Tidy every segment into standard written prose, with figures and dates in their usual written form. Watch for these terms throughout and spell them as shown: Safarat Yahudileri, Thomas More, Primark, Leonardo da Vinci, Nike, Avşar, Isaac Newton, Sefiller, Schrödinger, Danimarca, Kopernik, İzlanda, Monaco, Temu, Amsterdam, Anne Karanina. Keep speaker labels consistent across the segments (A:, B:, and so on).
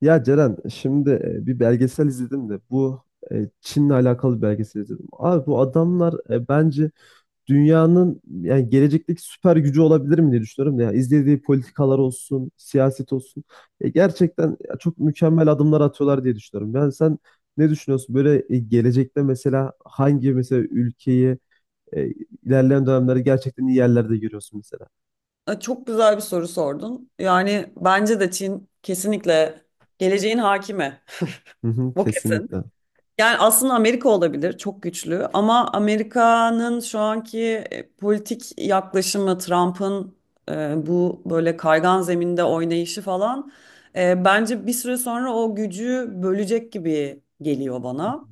A: Ya Ceren, şimdi bir belgesel izledim de bu Çin'le alakalı bir belgesel izledim. Abi bu adamlar bence dünyanın yani gelecekteki süper gücü olabilir mi diye düşünüyorum. Ya izlediği politikalar olsun, siyaset olsun. Gerçekten ya, çok mükemmel adımlar atıyorlar diye düşünüyorum. Yani sen ne düşünüyorsun? Böyle gelecekte mesela hangi mesela ülkeyi e, ilerleyen dönemlerde gerçekten iyi yerlerde görüyorsun mesela?
B: Çok güzel bir soru sordun. Yani bence de Çin kesinlikle geleceğin hakimi.
A: Hı hı,
B: Bu kesin.
A: kesinlikle.
B: Yani aslında Amerika olabilir, çok güçlü. Ama Amerika'nın şu anki politik yaklaşımı, Trump'ın bu böyle kaygan zeminde oynayışı falan, bence bir süre sonra o gücü bölecek gibi geliyor bana.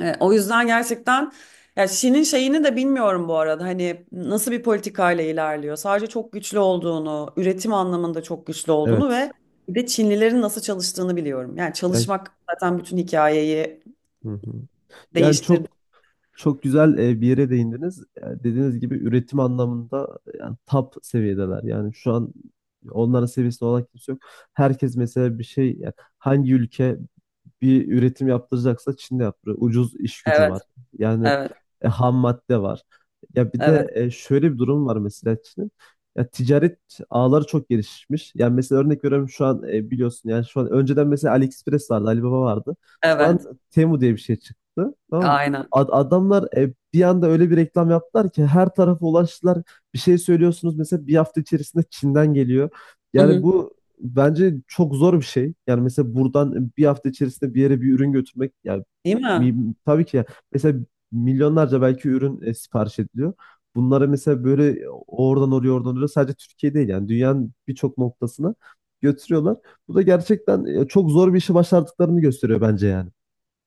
B: O yüzden gerçekten ya Şi'nin şeyini de bilmiyorum bu arada. Hani nasıl bir politikayla ilerliyor. Sadece çok güçlü olduğunu, üretim anlamında çok güçlü olduğunu
A: Evet.
B: ve bir de Çinlilerin nasıl çalıştığını biliyorum. Yani
A: Yani,
B: çalışmak zaten bütün hikayeyi
A: hı hı. Yani
B: değiştirdi.
A: çok güzel bir yere değindiniz. Dediğiniz gibi üretim anlamında yani top seviyedeler. Yani şu an onların seviyesinde olan kimse yok. Herkes mesela bir şey yani hangi ülke bir üretim yaptıracaksa Çin'de yaptırıyor. Ucuz iş gücü
B: Evet,
A: var. Yani
B: evet,
A: ham madde var. Ya bir de
B: evet,
A: şöyle bir durum var mesela Çin'in. Ya ticaret ağları çok gelişmiş. Yani mesela örnek veriyorum şu an biliyorsun yani şu an önceden mesela AliExpress vardı, Alibaba vardı. Şu an
B: evet.
A: Temu diye bir şey çıktı. Tamam mı?
B: Aynen.
A: Adamlar bir anda öyle bir reklam yaptılar ki her tarafa ulaştılar. Bir şey söylüyorsunuz mesela bir hafta içerisinde Çin'den geliyor.
B: Hı
A: Yani
B: hı.
A: bu Bence çok zor bir şey. Yani mesela buradan bir hafta içerisinde bir yere bir ürün götürmek yani
B: Değil mi?
A: tabii ki ya. Mesela milyonlarca belki ürün sipariş ediliyor. Bunlara mesela böyle oradan oraya oradan oraya sadece Türkiye değil yani dünyanın birçok noktasına götürüyorlar. Bu da gerçekten çok zor bir işi başardıklarını gösteriyor bence yani.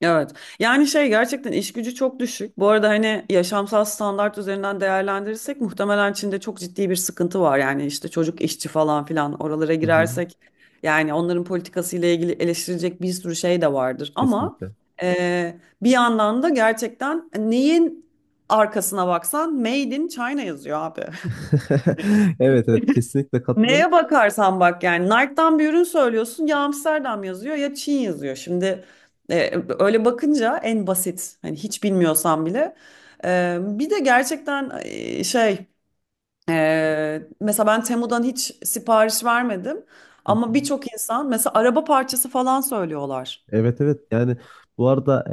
B: Evet. Yani şey gerçekten iş gücü çok düşük. Bu arada hani yaşamsal standart üzerinden değerlendirirsek muhtemelen Çin'de çok ciddi bir sıkıntı var. Yani işte çocuk işçi falan filan oralara
A: Hı hı,
B: girersek yani onların politikasıyla ilgili eleştirilecek bir sürü şey de vardır. Ama
A: kesinlikle.
B: e, bir yandan da gerçekten neyin arkasına baksan Made in China yazıyor abi.
A: Evet evet, kesinlikle katılıyorum.
B: Neye bakarsan bak yani Nike'dan bir ürün söylüyorsun ya Amsterdam yazıyor ya Çin yazıyor. Şimdi e, öyle bakınca en basit hani hiç bilmiyorsan bile. Bir de gerçekten şey mesela ben Temu'dan hiç sipariş vermedim
A: Hı hı.
B: ama birçok insan mesela araba parçası falan söylüyorlar.
A: Evet evet, yani bu arada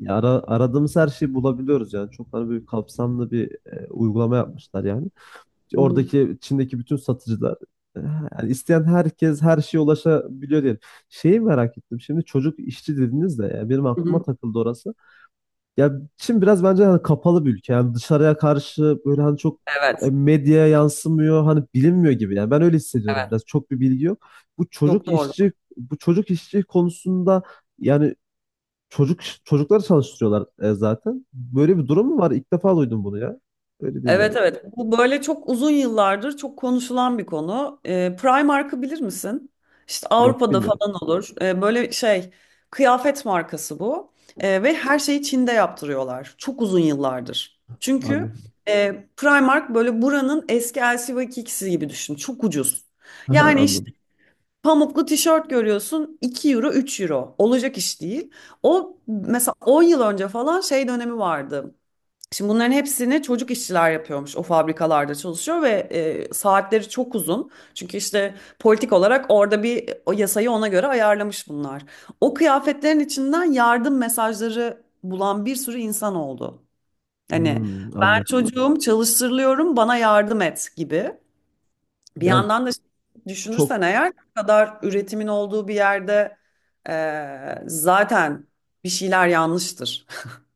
A: aradığımız her şeyi bulabiliyoruz yani çok hani böyle kapsamlı bir uygulama yapmışlar yani.
B: Hı hı.
A: Oradaki Çin'deki bütün satıcılar, e, yani isteyen herkes her şeye ulaşabiliyor diyelim. Şeyi merak ettim. Şimdi çocuk işçi dediniz de ya benim
B: Hı
A: aklıma
B: hı.
A: takıldı orası. Ya Çin biraz bence hani kapalı bir ülke. Yani dışarıya karşı böyle hani çok
B: Evet,
A: medyaya yansımıyor. Hani bilinmiyor gibi. Yani ben öyle hissediyorum
B: evet.
A: biraz. Çok bir bilgi yok.
B: Çok doğru.
A: Bu çocuk işçi konusunda yani çocukları çalıştırıyorlar zaten. Böyle bir durum mu var? İlk defa duydum bunu ya. Öyle diyeyim yani.
B: Evet evet. Bu böyle çok uzun yıllardır çok konuşulan bir konu. Primark'ı bilir misin? İşte
A: Yok,
B: Avrupa'da
A: bilmiyorum.
B: falan olur. Böyle şey kıyafet markası bu. Ve her şeyi Çin'de yaptırıyorlar. Çok uzun yıllardır. Çünkü
A: Anladım.
B: Primark böyle buranın eski LC gibi düşün. Çok ucuz.
A: Aha,
B: Yani işte
A: anladım.
B: pamuklu tişört görüyorsun 2 euro 3 euro. Olacak iş değil. O mesela 10 yıl önce falan şey dönemi vardı. Şimdi bunların hepsini çocuk işçiler yapıyormuş. O fabrikalarda çalışıyor ve saatleri çok uzun. Çünkü işte politik olarak orada bir o yasayı ona göre ayarlamış bunlar. O kıyafetlerin içinden yardım mesajları bulan bir sürü insan oldu. Hani
A: Hmm,
B: ben
A: anladım.
B: çocuğum çalıştırılıyorum bana yardım et gibi. Bir
A: Yani
B: yandan da
A: çok
B: düşünürsen eğer bu kadar üretimin olduğu bir yerde zaten bir şeyler yanlıştır.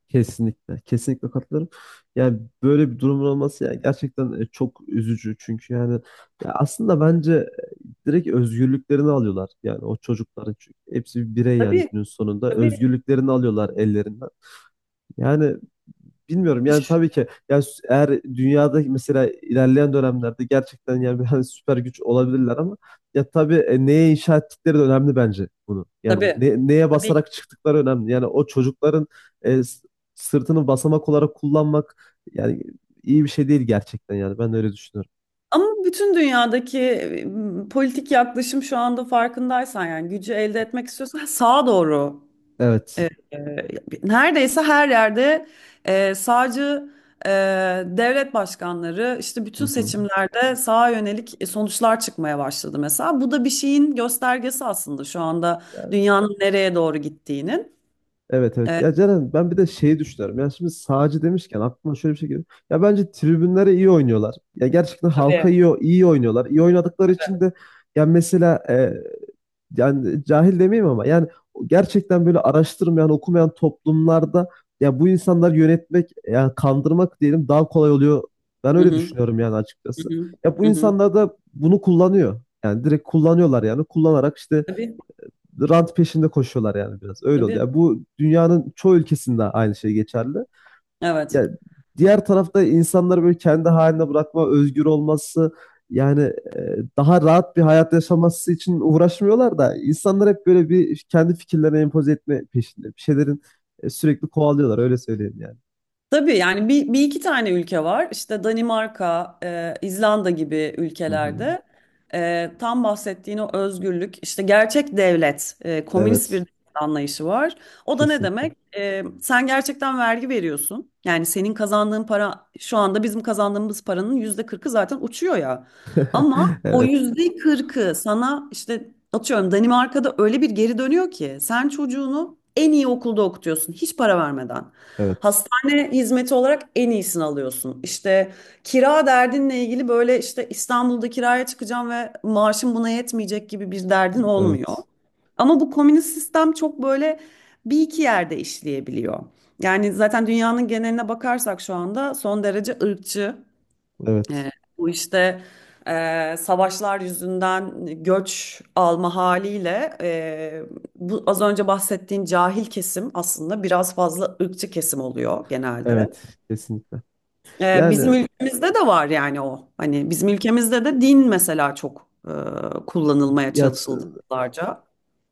A: Kesinlikle, kesinlikle katılıyorum. Yani böyle bir durumun olması yani gerçekten çok üzücü. Çünkü yani ya aslında bence direkt özgürlüklerini alıyorlar. Yani o çocukların, çünkü hepsi bir birey yani
B: Tabii
A: günün sonunda
B: tabii.
A: özgürlüklerini alıyorlar ellerinden. Yani bilmiyorum yani tabii ki yani eğer dünyada mesela ilerleyen dönemlerde gerçekten yani bir hani süper güç olabilirler ama ya tabii neye inşa ettikleri de önemli bence bunu. Yani
B: Tabii.
A: neye
B: Tabii.
A: basarak çıktıkları önemli. Yani o çocukların e, s- sırtını basamak olarak kullanmak yani iyi bir şey değil gerçekten, yani ben de öyle düşünüyorum.
B: Ama bütün dünyadaki politik yaklaşım şu anda farkındaysan yani gücü elde etmek istiyorsan sağa doğru
A: Evet.
B: e, neredeyse her yerde sağcı e, devlet başkanları işte bütün
A: Hı hı.
B: seçimlerde sağa yönelik sonuçlar çıkmaya başladı mesela. Bu da bir şeyin göstergesi aslında şu anda dünyanın nereye doğru gittiğinin.
A: Evet evet.
B: E,
A: Ya Ceren, ben bir de şeyi düşünüyorum. Yani şimdi sağcı demişken aklıma şöyle bir şey geliyor. Ya bence tribünlere iyi oynuyorlar. Ya gerçekten halka
B: tabii.
A: iyi, iyi oynuyorlar. İyi oynadıkları için de ya mesela yani cahil demeyeyim ama yani gerçekten böyle araştırmayan, okumayan toplumlarda ya bu insanları yönetmek, yani kandırmak diyelim, daha kolay oluyor. Ben
B: Hı
A: öyle
B: hı,
A: düşünüyorum yani
B: hı
A: açıkçası.
B: hı,
A: Ya bu
B: hı hı.
A: insanlar da bunu kullanıyor. Yani direkt kullanıyorlar, yani kullanarak işte
B: Tabii,
A: rant peşinde koşuyorlar yani biraz. Öyle
B: tabii.
A: oluyor. Yani bu dünyanın çoğu ülkesinde aynı şey geçerli.
B: Evet.
A: Yani diğer tarafta insanları böyle kendi haline bırakma, özgür olması yani daha rahat bir hayat yaşaması için uğraşmıyorlar da insanlar hep böyle bir kendi fikirlerini empoze etme peşinde. Bir şeylerin sürekli kovalıyorlar öyle söyleyeyim yani.
B: Tabii yani bir iki tane ülke var. İşte Danimarka, İzlanda gibi
A: Hı hı.
B: ülkelerde tam bahsettiğin o özgürlük, işte gerçek devlet, komünist bir
A: Evet.
B: devlet anlayışı var. O da ne
A: Kesinlikle.
B: demek? Sen gerçekten vergi veriyorsun. Yani senin kazandığın para şu anda bizim kazandığımız paranın %40'ı zaten uçuyor ya. Ama o
A: Evet.
B: %40'ı sana işte atıyorum Danimarka'da öyle bir geri dönüyor ki sen çocuğunu en iyi okulda okutuyorsun hiç para vermeden.
A: Evet.
B: Hastane hizmeti olarak en iyisini alıyorsun. İşte kira derdinle ilgili böyle işte İstanbul'da kiraya çıkacağım ve maaşım buna yetmeyecek gibi bir derdin olmuyor.
A: Evet.
B: Ama bu komünist sistem çok böyle bir iki yerde işleyebiliyor. Yani zaten dünyanın geneline bakarsak şu anda son derece ırkçı.
A: Evet.
B: E, bu işte savaşlar yüzünden göç alma haliyle bu az önce bahsettiğin cahil kesim aslında biraz fazla ırkçı kesim oluyor genelde.
A: Evet. Kesinlikle.
B: Bizim
A: Yani
B: ülkemizde de var yani o. Hani bizim ülkemizde de din mesela çok kullanılmaya
A: ya
B: çalışıldı yıllarca.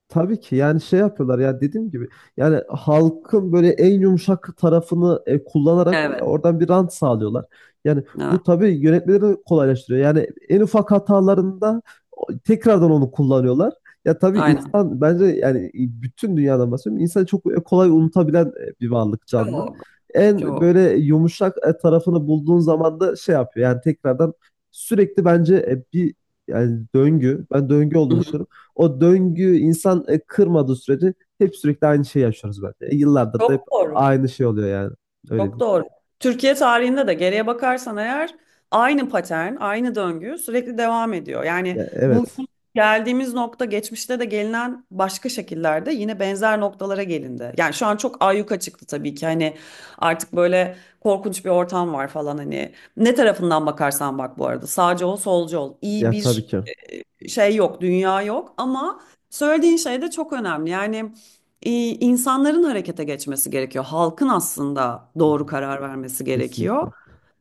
A: Tabii ki yani şey yapıyorlar ya, dediğim gibi yani halkın böyle en yumuşak tarafını kullanarak
B: Evet,
A: ya oradan bir rant sağlıyorlar. Yani
B: evet,
A: bu tabii yönetmeleri kolaylaştırıyor. Yani en ufak hatalarında tekrardan onu kullanıyorlar. Ya tabii
B: aynen.
A: insan bence yani bütün dünyadan bahsediyorum. İnsan çok kolay unutabilen bir varlık, canlı.
B: Çok,
A: En
B: çok.
A: böyle yumuşak tarafını bulduğun zaman da şey yapıyor. Yani tekrardan sürekli bence bir yani döngü. Ben döngü
B: Hı
A: olduğunu
B: hı.
A: düşünüyorum. O döngü insan kırmadığı sürece hep sürekli aynı şeyi yaşıyoruz bence. E, yıllardır da
B: Çok
A: hep
B: doğru.
A: aynı şey oluyor yani. Öyle
B: Çok
A: değil.
B: doğru. Türkiye tarihinde de geriye bakarsan eğer aynı patern, aynı döngü sürekli devam ediyor. Yani
A: Ya, evet.
B: bugün geldiğimiz nokta geçmişte de gelinen başka şekillerde yine benzer noktalara gelindi. Yani şu an çok ayyuka çıktı tabii ki hani artık böyle korkunç bir ortam var falan hani ne tarafından bakarsan bak bu arada sağcı ol solcu ol iyi
A: Ya tabii
B: bir
A: ki.
B: şey yok dünya yok ama söylediğin şey de çok önemli. Yani insanların harekete geçmesi gerekiyor. Halkın aslında doğru karar vermesi
A: Kesinlikle.
B: gerekiyor.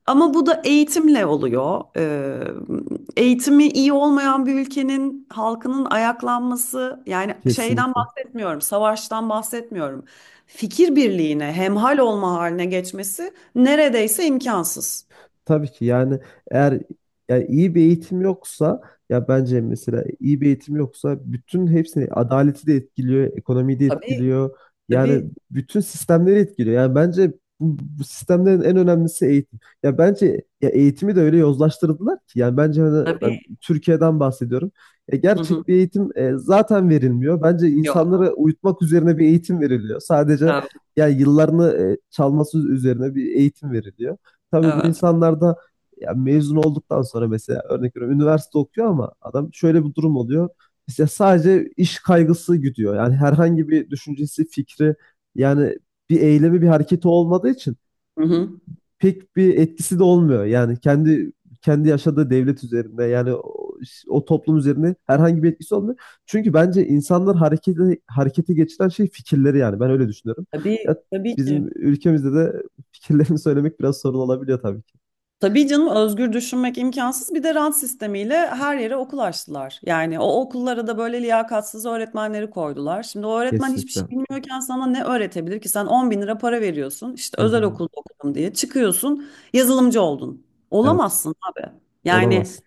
B: Ama bu da eğitimle oluyor. Eğitimi iyi olmayan bir ülkenin halkının ayaklanması, yani şeyden
A: Kesinlikle.
B: bahsetmiyorum, savaştan bahsetmiyorum. Fikir birliğine, hemhal olma haline geçmesi neredeyse imkansız.
A: Tabii ki yani eğer yani iyi bir eğitim yoksa, ya bence mesela iyi bir eğitim yoksa bütün hepsini, adaleti de etkiliyor, ekonomiyi de
B: Tabii,
A: etkiliyor. Yani
B: tabii,
A: bütün sistemleri etkiliyor. Yani bence bu sistemlerin en önemlisi eğitim. Ya bence ya eğitimi de öyle yozlaştırdılar ki yani bence hani
B: tabii.
A: ben Türkiye'den bahsediyorum. E,
B: Hı hı.
A: gerçek bir eğitim zaten verilmiyor. Bence insanlara
B: Yok,
A: uyutmak üzerine bir eğitim veriliyor. Sadece
B: evet,
A: yani yıllarını çalması üzerine bir eğitim veriliyor, tabii bu
B: evet.
A: insanlar da ya mezun olduktan sonra mesela örnek veriyorum üniversite okuyor ama adam şöyle bir durum oluyor. İşte sadece iş kaygısı gidiyor. Yani herhangi bir düşüncesi, fikri yani bir eylemi, bir hareketi olmadığı için
B: Hı hı.
A: pek bir etkisi de olmuyor. Yani kendi yaşadığı devlet üzerinde yani o toplum üzerinde herhangi bir etkisi olmuyor. Çünkü bence insanlar harekete geçiren şey fikirleri, yani ben öyle düşünüyorum.
B: Tabii,
A: Ya
B: tabii
A: bizim
B: ki.
A: ülkemizde de fikirlerini söylemek biraz sorun olabiliyor tabii.
B: Tabii canım özgür düşünmek imkansız. Bir de rant sistemiyle her yere okul açtılar. Yani o okullara da böyle liyakatsız öğretmenleri koydular. Şimdi o öğretmen hiçbir
A: Kesinlikle.
B: şey bilmiyorken sana ne öğretebilir ki? Sen 10 bin lira para veriyorsun. İşte
A: Hı
B: özel
A: hı.
B: okulda okudum diye çıkıyorsun yazılımcı oldun.
A: Evet.
B: Olamazsın abi. Yani
A: Olamaz.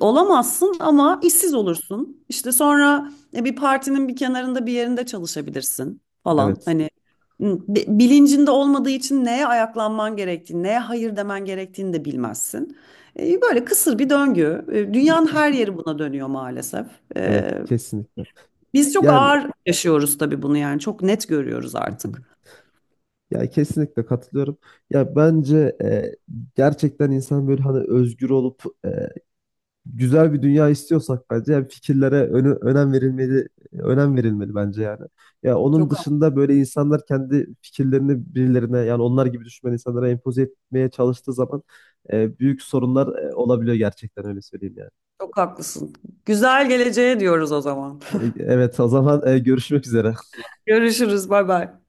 B: olamazsın ama işsiz olursun. İşte sonra bir partinin bir kenarında bir yerinde çalışabilirsin falan.
A: Evet.
B: Hani bilincinde olmadığı için neye ayaklanman gerektiğini, neye hayır demen gerektiğini de bilmezsin. Böyle kısır bir döngü. Dünyanın her yeri buna dönüyor maalesef. E,
A: Evet. Kesinlikle.
B: Biz çok
A: Yani
B: ağır yaşıyoruz tabii bunu yani çok net görüyoruz
A: hı hı.
B: artık.
A: Ya kesinlikle katılıyorum. Ya bence gerçekten insan böyle hani özgür olup güzel bir dünya istiyorsak bence yani fikirlere önem verilmeli, önem verilmeli bence yani. Ya onun
B: Çok, ha-
A: dışında böyle insanlar kendi fikirlerini birilerine yani onlar gibi düşünmeyen insanlara empoze etmeye çalıştığı zaman büyük sorunlar olabiliyor gerçekten, öyle söyleyeyim yani.
B: çok haklısın. Güzel geleceğe diyoruz o zaman.
A: Evet, o zaman görüşmek üzere.
B: Görüşürüz, bay bay.